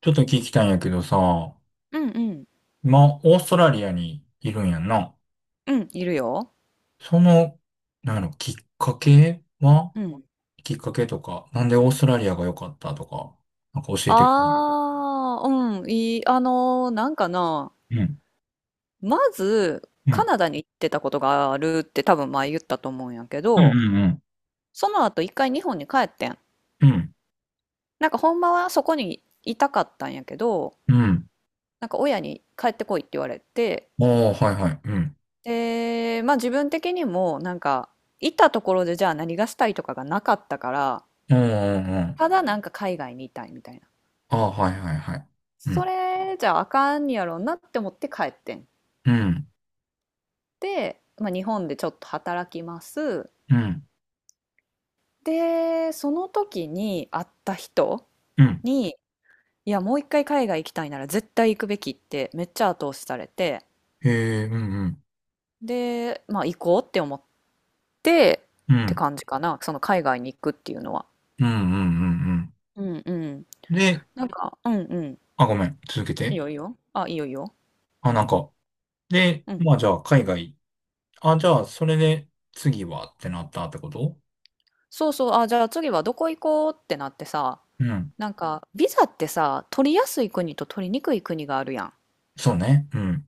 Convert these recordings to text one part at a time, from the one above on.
ちょっと聞きたいんやけどさ、うんうん。今、オーストラリアにいるんやんな。うん、いるよ。その、なんやろ、きっかけはうん。きっかけとか、なんでオーストラリアが良かったとか、なんか教えて。ああ、うん、いい、なんかな、うん、まず、うカん、ナダに行ってたことがあるって多分前言ったと思うんやけうん、うど、ん、その後一回日本に帰ってん。うん、なんかほんまはそこにいたかったんやけど、うん。なんか親に帰ってこいって言われて、ああー、はいはい、うん。で、まあ自分的にもなんか、いたところでじゃあ何がしたいとかがなかったから、うん、うん、うん。ただなんか海外にいたいみたいな。ああ、はいはいはい。うそん、れじゃああかんやろうなって思って帰ってん。うん、って、まあ、日本でちょっと働きます。うん、でその時に会った人うん。に「いやもう一回海外行きたいなら絶対行くべき」ってめっちゃ後押しされて、へえ、うん、うん、で、まあ、行こうって思って、うってん、感じかな、その海外に行くっていうのは。うん、うん、うん。うん。うんうん。で、なんか、うんうん。あ、ごめん、続けいいて。よいいよ。あ、いいよいいよ。あ、なんか、で、うん。まあじゃあ、海外、あ、じゃあ、それで次はってなったってこと。そうそう。あ、じゃあ次はどこ行こうってなってさ、うん。なんか、ビザってさ、取りやすい国と取りにくい国があるやん。そうね。うん。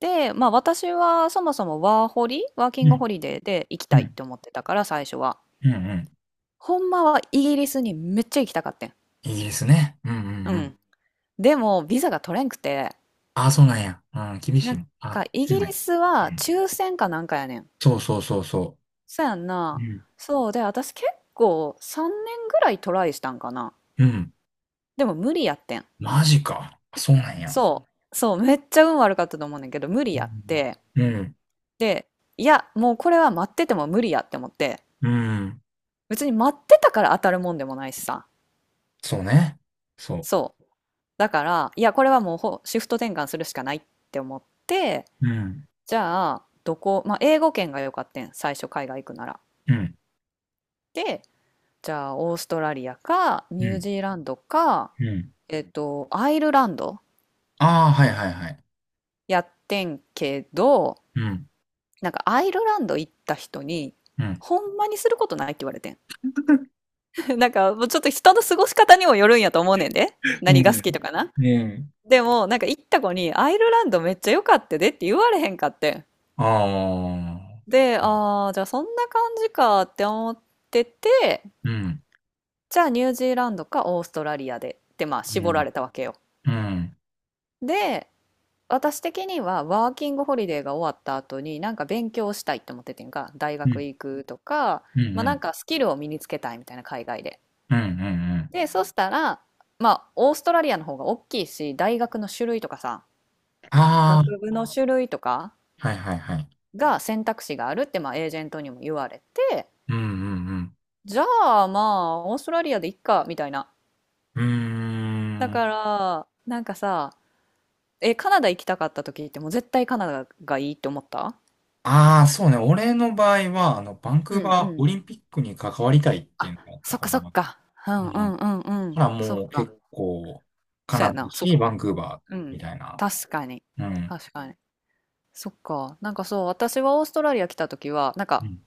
で、まあ私はそもそもワーホリ、ワーキうングん。ホリデーで行きうたいっん。て思ってたから最初は。うん。うん。ほんまはイギリスにめっちゃ行きたかってん。イギリスね。うんううんうん。ん。でもビザが取れんくて、あ、そうなんや。うん、厳しなんい。かあ、イギ狭リい。スうはん。抽選かなんかやねん。そうそうそうそそうやんう。うな。ん。そうで、私結構3年ぐらいトライしたんかな。うん。でも無理やってん。マジか。あ、そうなんや。そう。そう、めっちゃ運悪かったと思うねんけど、無理うやっん。て。うん。で、いや、もうこれは待ってても無理やって思って、うん。別に待ってたから当たるもんでもないしさ。そうね。そそう。だから、いや、これはもうシフト転換するしかないって思って、う。うん。じゃあ、どこ、まあ、英語圏が良かったん、最初海外行くなら。うん。で、じゃあ、オーストラリアか、うニューん。ジーランドか、うん。アイルランドああ、はいはいはい。やってんけど、うん。なんかアイルランド行った人に、うん。ほんまにすることないって言われてん。なんか、もうちょっと人の過ごし方にもよるんやと思うねんで。う何が好ん。きとかな。うん。でも、なんか行った子に、アイルランドめっちゃ良かったでって言われへんかってん。ああ。で、ああ、じゃあそんな感じかって思ってて、うん。じゃあニュージーランドかオーストラリアでってまあう絞ん。られたわけよ。うん。で、私的にはワーキングホリデーが終わった後になんか勉強したいって思っててんか、大う学ん、行くとか、うん、まあうなんん、かスキルを身につけたいみたいな、海外で。うん、うん。うん。で、そしたら、まあオーストラリアの方が大きいし、大学の種類とかさ、学あ部の種類とかあ、はいはいはい。が選択肢があるってまあエージェントにも言われて、うん、うん、じゃあまあ、オーストラリアでいっか、みたいな。うん。だうーん。から、なんかさ、え、カナダ行きたかった時ってもう絶対カナダがいいって思った。ああ、そうね。俺の場合は、バンクうーんうバーオん。リンピックに関わりたいっていあ、うのがあったそっかから、そっか。ううんうん。んうんうほん。ら、そっもうか。結構、カそうナやダだな。そっし、か。バンクーバうーみん。たいな。確かに。うん。確かに。そっか。なんかそう、私はオーストラリア来た時は、なんうか、ん。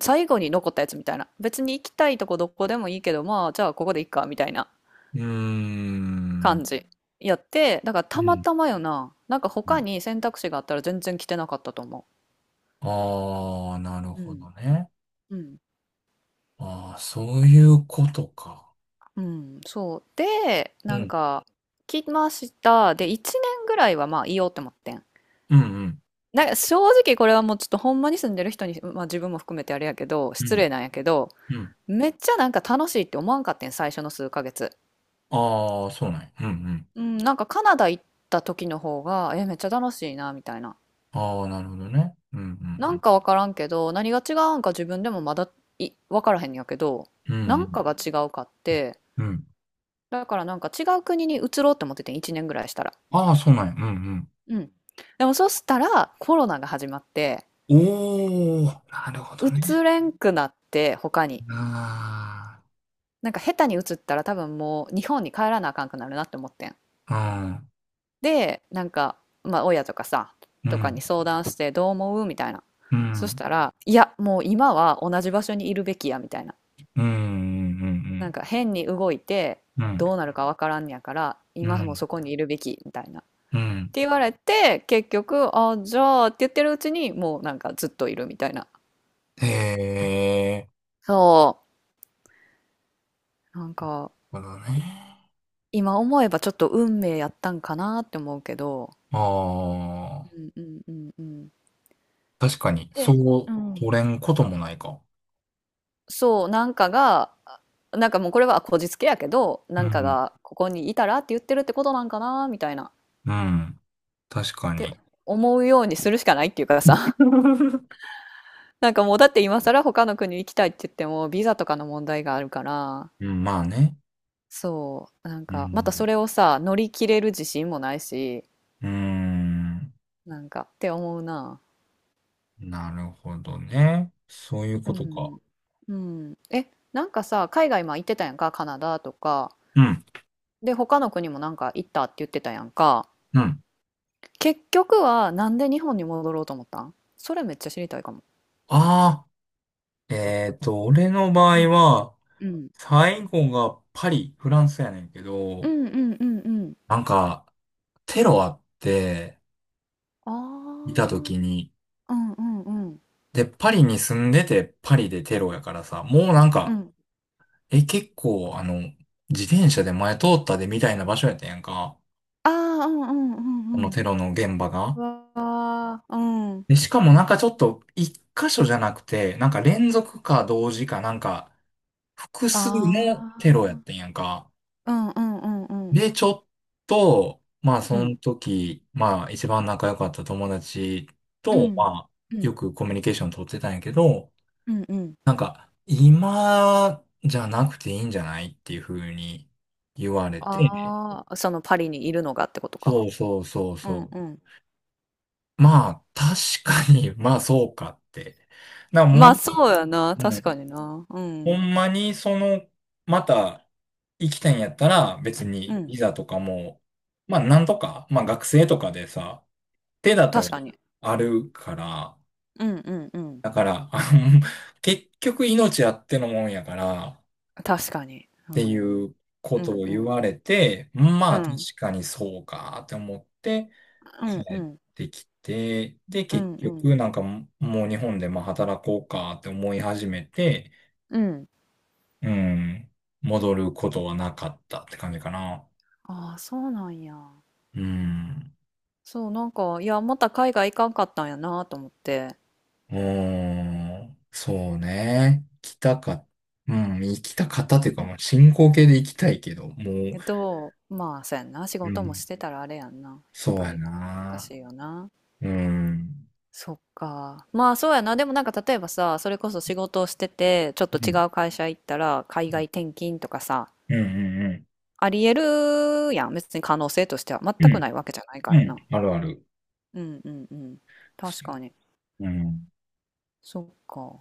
最後に残ったやつみたいな。別に行きたいとこどこでもいいけど、まあ、じゃあここでいっか、みたいなうーん。感じやって、だからうたまん。たまよな。なんかう他ん。に選択肢があったら全然着てなかったと思ああ、なるう。うほん。どね。うん。ああ、そういうことか。う。ん、そう。で、うなんん。か、着ました。で、1年ぐらいはまあいようって思ってん。うんうん。なんか正直これはもうちょっとほんまに住んでる人に、まあ自分も含めてあれやけど、う失ん。礼なんやけど、うん。めっちゃなんか楽しいって思わんかってん、最初の数ヶ月。ああ、そうなんや。うん。うん、なんかカナダ行った時の方が、え、めっちゃ楽しいな、みたいな。ああ、なるほどね。うんなうんんかわからんけど、何が違うんか自分でもまだわからへんやけど、うなん。んかが違うかって、うんうん。だからなんか違う国に移ろうって思っててん、1年ぐらいしたら。ああ、そうなんや。うんうん。でもそしたらコロナが始まって、うん。おお、なるほどね。移れんくなって、他に。あなんか下手に移ったら多分もう日本に帰らなあかんくなるなって思ってん。あ、で、なんか、まあ親とかさ、うとかにん、相談してどう思うみたいな。うん、うそしん、たら、いや、もう今は同じ場所にいるべきや、みたいな。うん、うなんん、か変に動いてうん、どうなるかわからんねやからう今もん、そこにいるべきみたいなっうん。て言われて、結局あじゃあって言ってるうちにもうなんかずっといるみたいな。へえ、そう、なんかなるほどね。今思えばちょっと運命やったんかなって思うけど、ああ、うんうんうんうん。確かに、で、そうう取ん、れんこともないか。そう、なんかがなんかもうこれはこじつけやけど、うなんかん、がここにいたらって言ってるってことなんかな、みたいなっうん、確かてに。思うようにするしかないっていうかさ。 なんかもう、だって今更他の国行きたいって言ってもビザとかの問題があるから。うん、まあね。そう、なんうかまたそん、れをさ乗り切れる自信もないし、うん。なんかって思うな。なるほどね。そういううことか。んうん。え、なんかさ、海外今行ってたやんか、カナダとか。うん、で他の国もなんか行ったって言ってたやんか。うん。結局はなんで日本に戻ろうと思ったん？それめっちゃ知りたいかも。あ俺の場う合んは、うん最後がパリ、フランスやねんけうど、んうん。うんうん。なんか、テロあって、いあた時に、あー、うんうんうんで、パリに住んでて、パリでテロやからさ、もうなんうか、ん。え、結構、あの、自転車で前通ったでみたいな場所やったやんか。ああー、うんうんうこんのうん。テロの現場が。わあ、うん。で、しかもなんかちょっと、一箇所じゃなくて、なんか連続か同時かなんか、複数のテロやあってんやんか。あ、うんうんうんうん。で、ちょっと、まあ、うそのん。時、まあ、一番仲良かった友達うと、ん。まあ、うん。よくコミュニケーション取ってたんやけど、うんうん。なんか、今じゃなくていいんじゃないっていう風に言われて、ああ、そのパリにいるのがってことか。そうそうそううそんう。うん。まあ、確かに、まあ、そうかって。な、もまう、あそうやな、う確かんにな。うほん。んまにその、また行きたいんやったら別うにん。ビザとかも、まあなんとか、まあ学生とかでさ、手立ては確かに。あるから、うんうんうん。だから、結局命あってのもんやからっ確かに。うてん。いうこうとんをう言ん。われて、まうあ確ん。かにそうかって思ってう帰んうっん。てきて、でう結んうん。局なんかもう日本でまあ働こうかって思い始めて、うん。うん。戻ることはなかったって感じかな。ああ、そうなんや。うん。そう、なんか、いや、また海外行かんかったんやなと思って。うーん。そうね。行きたか、うん。行きたかったっていうか、もう進行形で行きたいけど、もう、けど、まあ、そうやんな。仕う事もん。してたらあれやんな。やっそうぱやり。難な。しいよな。うん。そっか。まあ、そうやな。でもなんか、例えばさ、それこそ仕事をしてて、ちょっとう違ん。う会社行ったら、海外転勤とかさ、うんうんありえるやん。別に可能性としては全うん。うくないわけじゃないかん。うらん。な。あるある。うんうんうん。確かに。うん。そっか。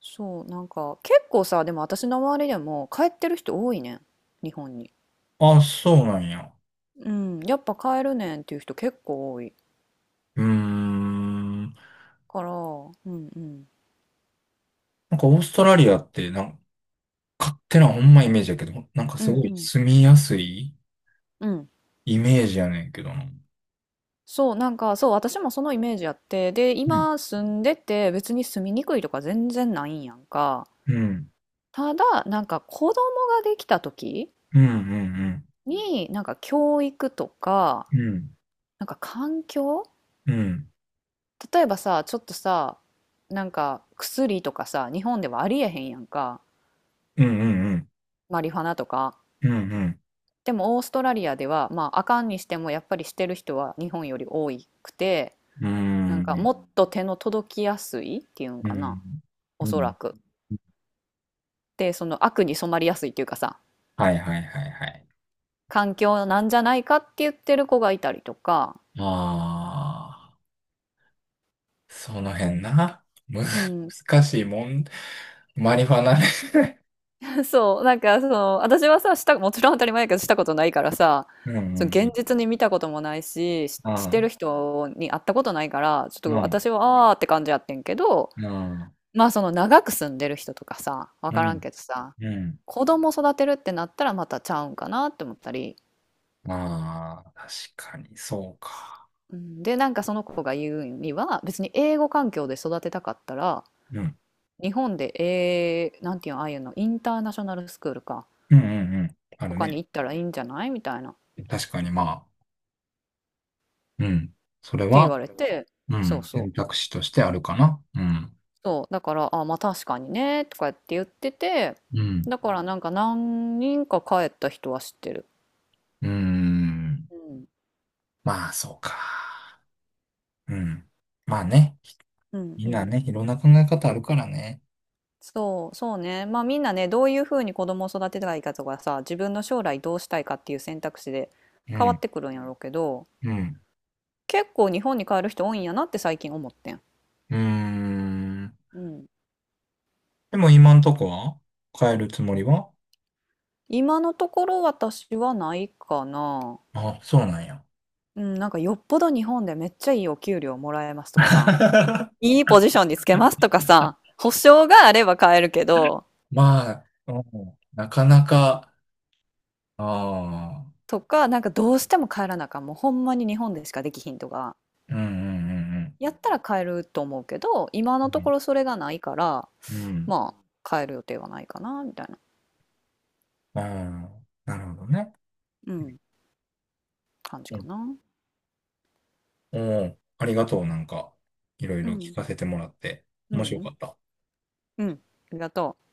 そう、なんか、結構さ、でも私の周りでも、帰ってる人多いねん。日本に。あ、そうなんや。うん。やっぱ帰るねんっていう人結構多いうーん。なから、うんうん。んかオーストラリアって、なんか勝手なほんまイメージだけど、なんかうすんごういん。住みやすいうん。イメージやねんけどな。そう、なんか、そう、私もそのイメージやって、で、うん。今住んでて、別に住みにくいとか全然ないんやんか。うん。ただ、なんか子供ができた時うん。うん。に、なんか教育とか、うん。なんか環境、うん。例えばさ、ちょっとさ、なんか薬とかさ、日本ではありえへんやんか。うん。うん。マリファナとか。うん。うん。でもオーストラリアでは、まあ、あかんにしてもやっぱりしてる人は日本より多くて、うなんかん。もっと手の届きやすいっていうんうかな。ん。おうそん。らく。で、その悪に染まりやすいっていうかさ、はいはいはいはい。環境なんじゃないかって言ってる子がいたりとか、ああ、その辺な。うん、難しいもん。マリファナね。そう、なんかその、私はさ、もちろん当たり前やけどしたことないからさ、うその現ん。実に見たこともないし、うしてるん。人に会ったことないから、ちょっうとん。私はあーって感じやってんけど、うん。まあその長く住んでる人とかさ、わうかん。らんけどさ、うん。うん。子供育てるってなったらまたちゃうんかなって思ったり、まあ、確かに、そうか。うんで、なんかその子が言うには、別に英語環境で育てたかったら、うん。日本で、なんていうの、ああいうの、インターナショナルスクールか、うん。うん。うん。あとるかにね。行ったらいいんじゃないみたいな、っ確かに、まあ。うん。それて言わは、れて、うそうん。そ選う、択肢としてあるかな。うん。そう、だから、あ、まあ確かにね、とかって言ってて、うん。だからなんか何人か帰った人は知ってる。うーん。うん、まあ、そうか。うん。まあね。うんみうんなん。ね、いろんな考え方あるからね。そう、そうね。まあみんなね、どういうふうに子供を育てたらいいかとかさ、自分の将来どうしたいかっていう選択肢でう変わっん。てくるんやろうけど、うん。結構日本に帰る人多いんやなって最近思ってん。うーん。うん。でも今んとこは変えるつもりは。今のところ私はないかな。あ、そうなんや。うん、なんかよっぽど日本でめっちゃいいお給料もらえますとかさ、いいポジションにつけますとかさ、保証があれば買えるけど、まあ、うんなかなか、ああ、とか、なんかどうしても帰らなあかん、もうほんまに日本でしかできひんとか、うんうんやったら買えると思うけど、今うのとこんろそれがないから、うん。うん。うん。まあ、買える予定はないかな、みたいな、ああ、なるほどね。うん、感じかな。おお、ありがとう。なんか、いろいうろ聞ん、かせてもらって、う面白かん、った。うん、ありがとう。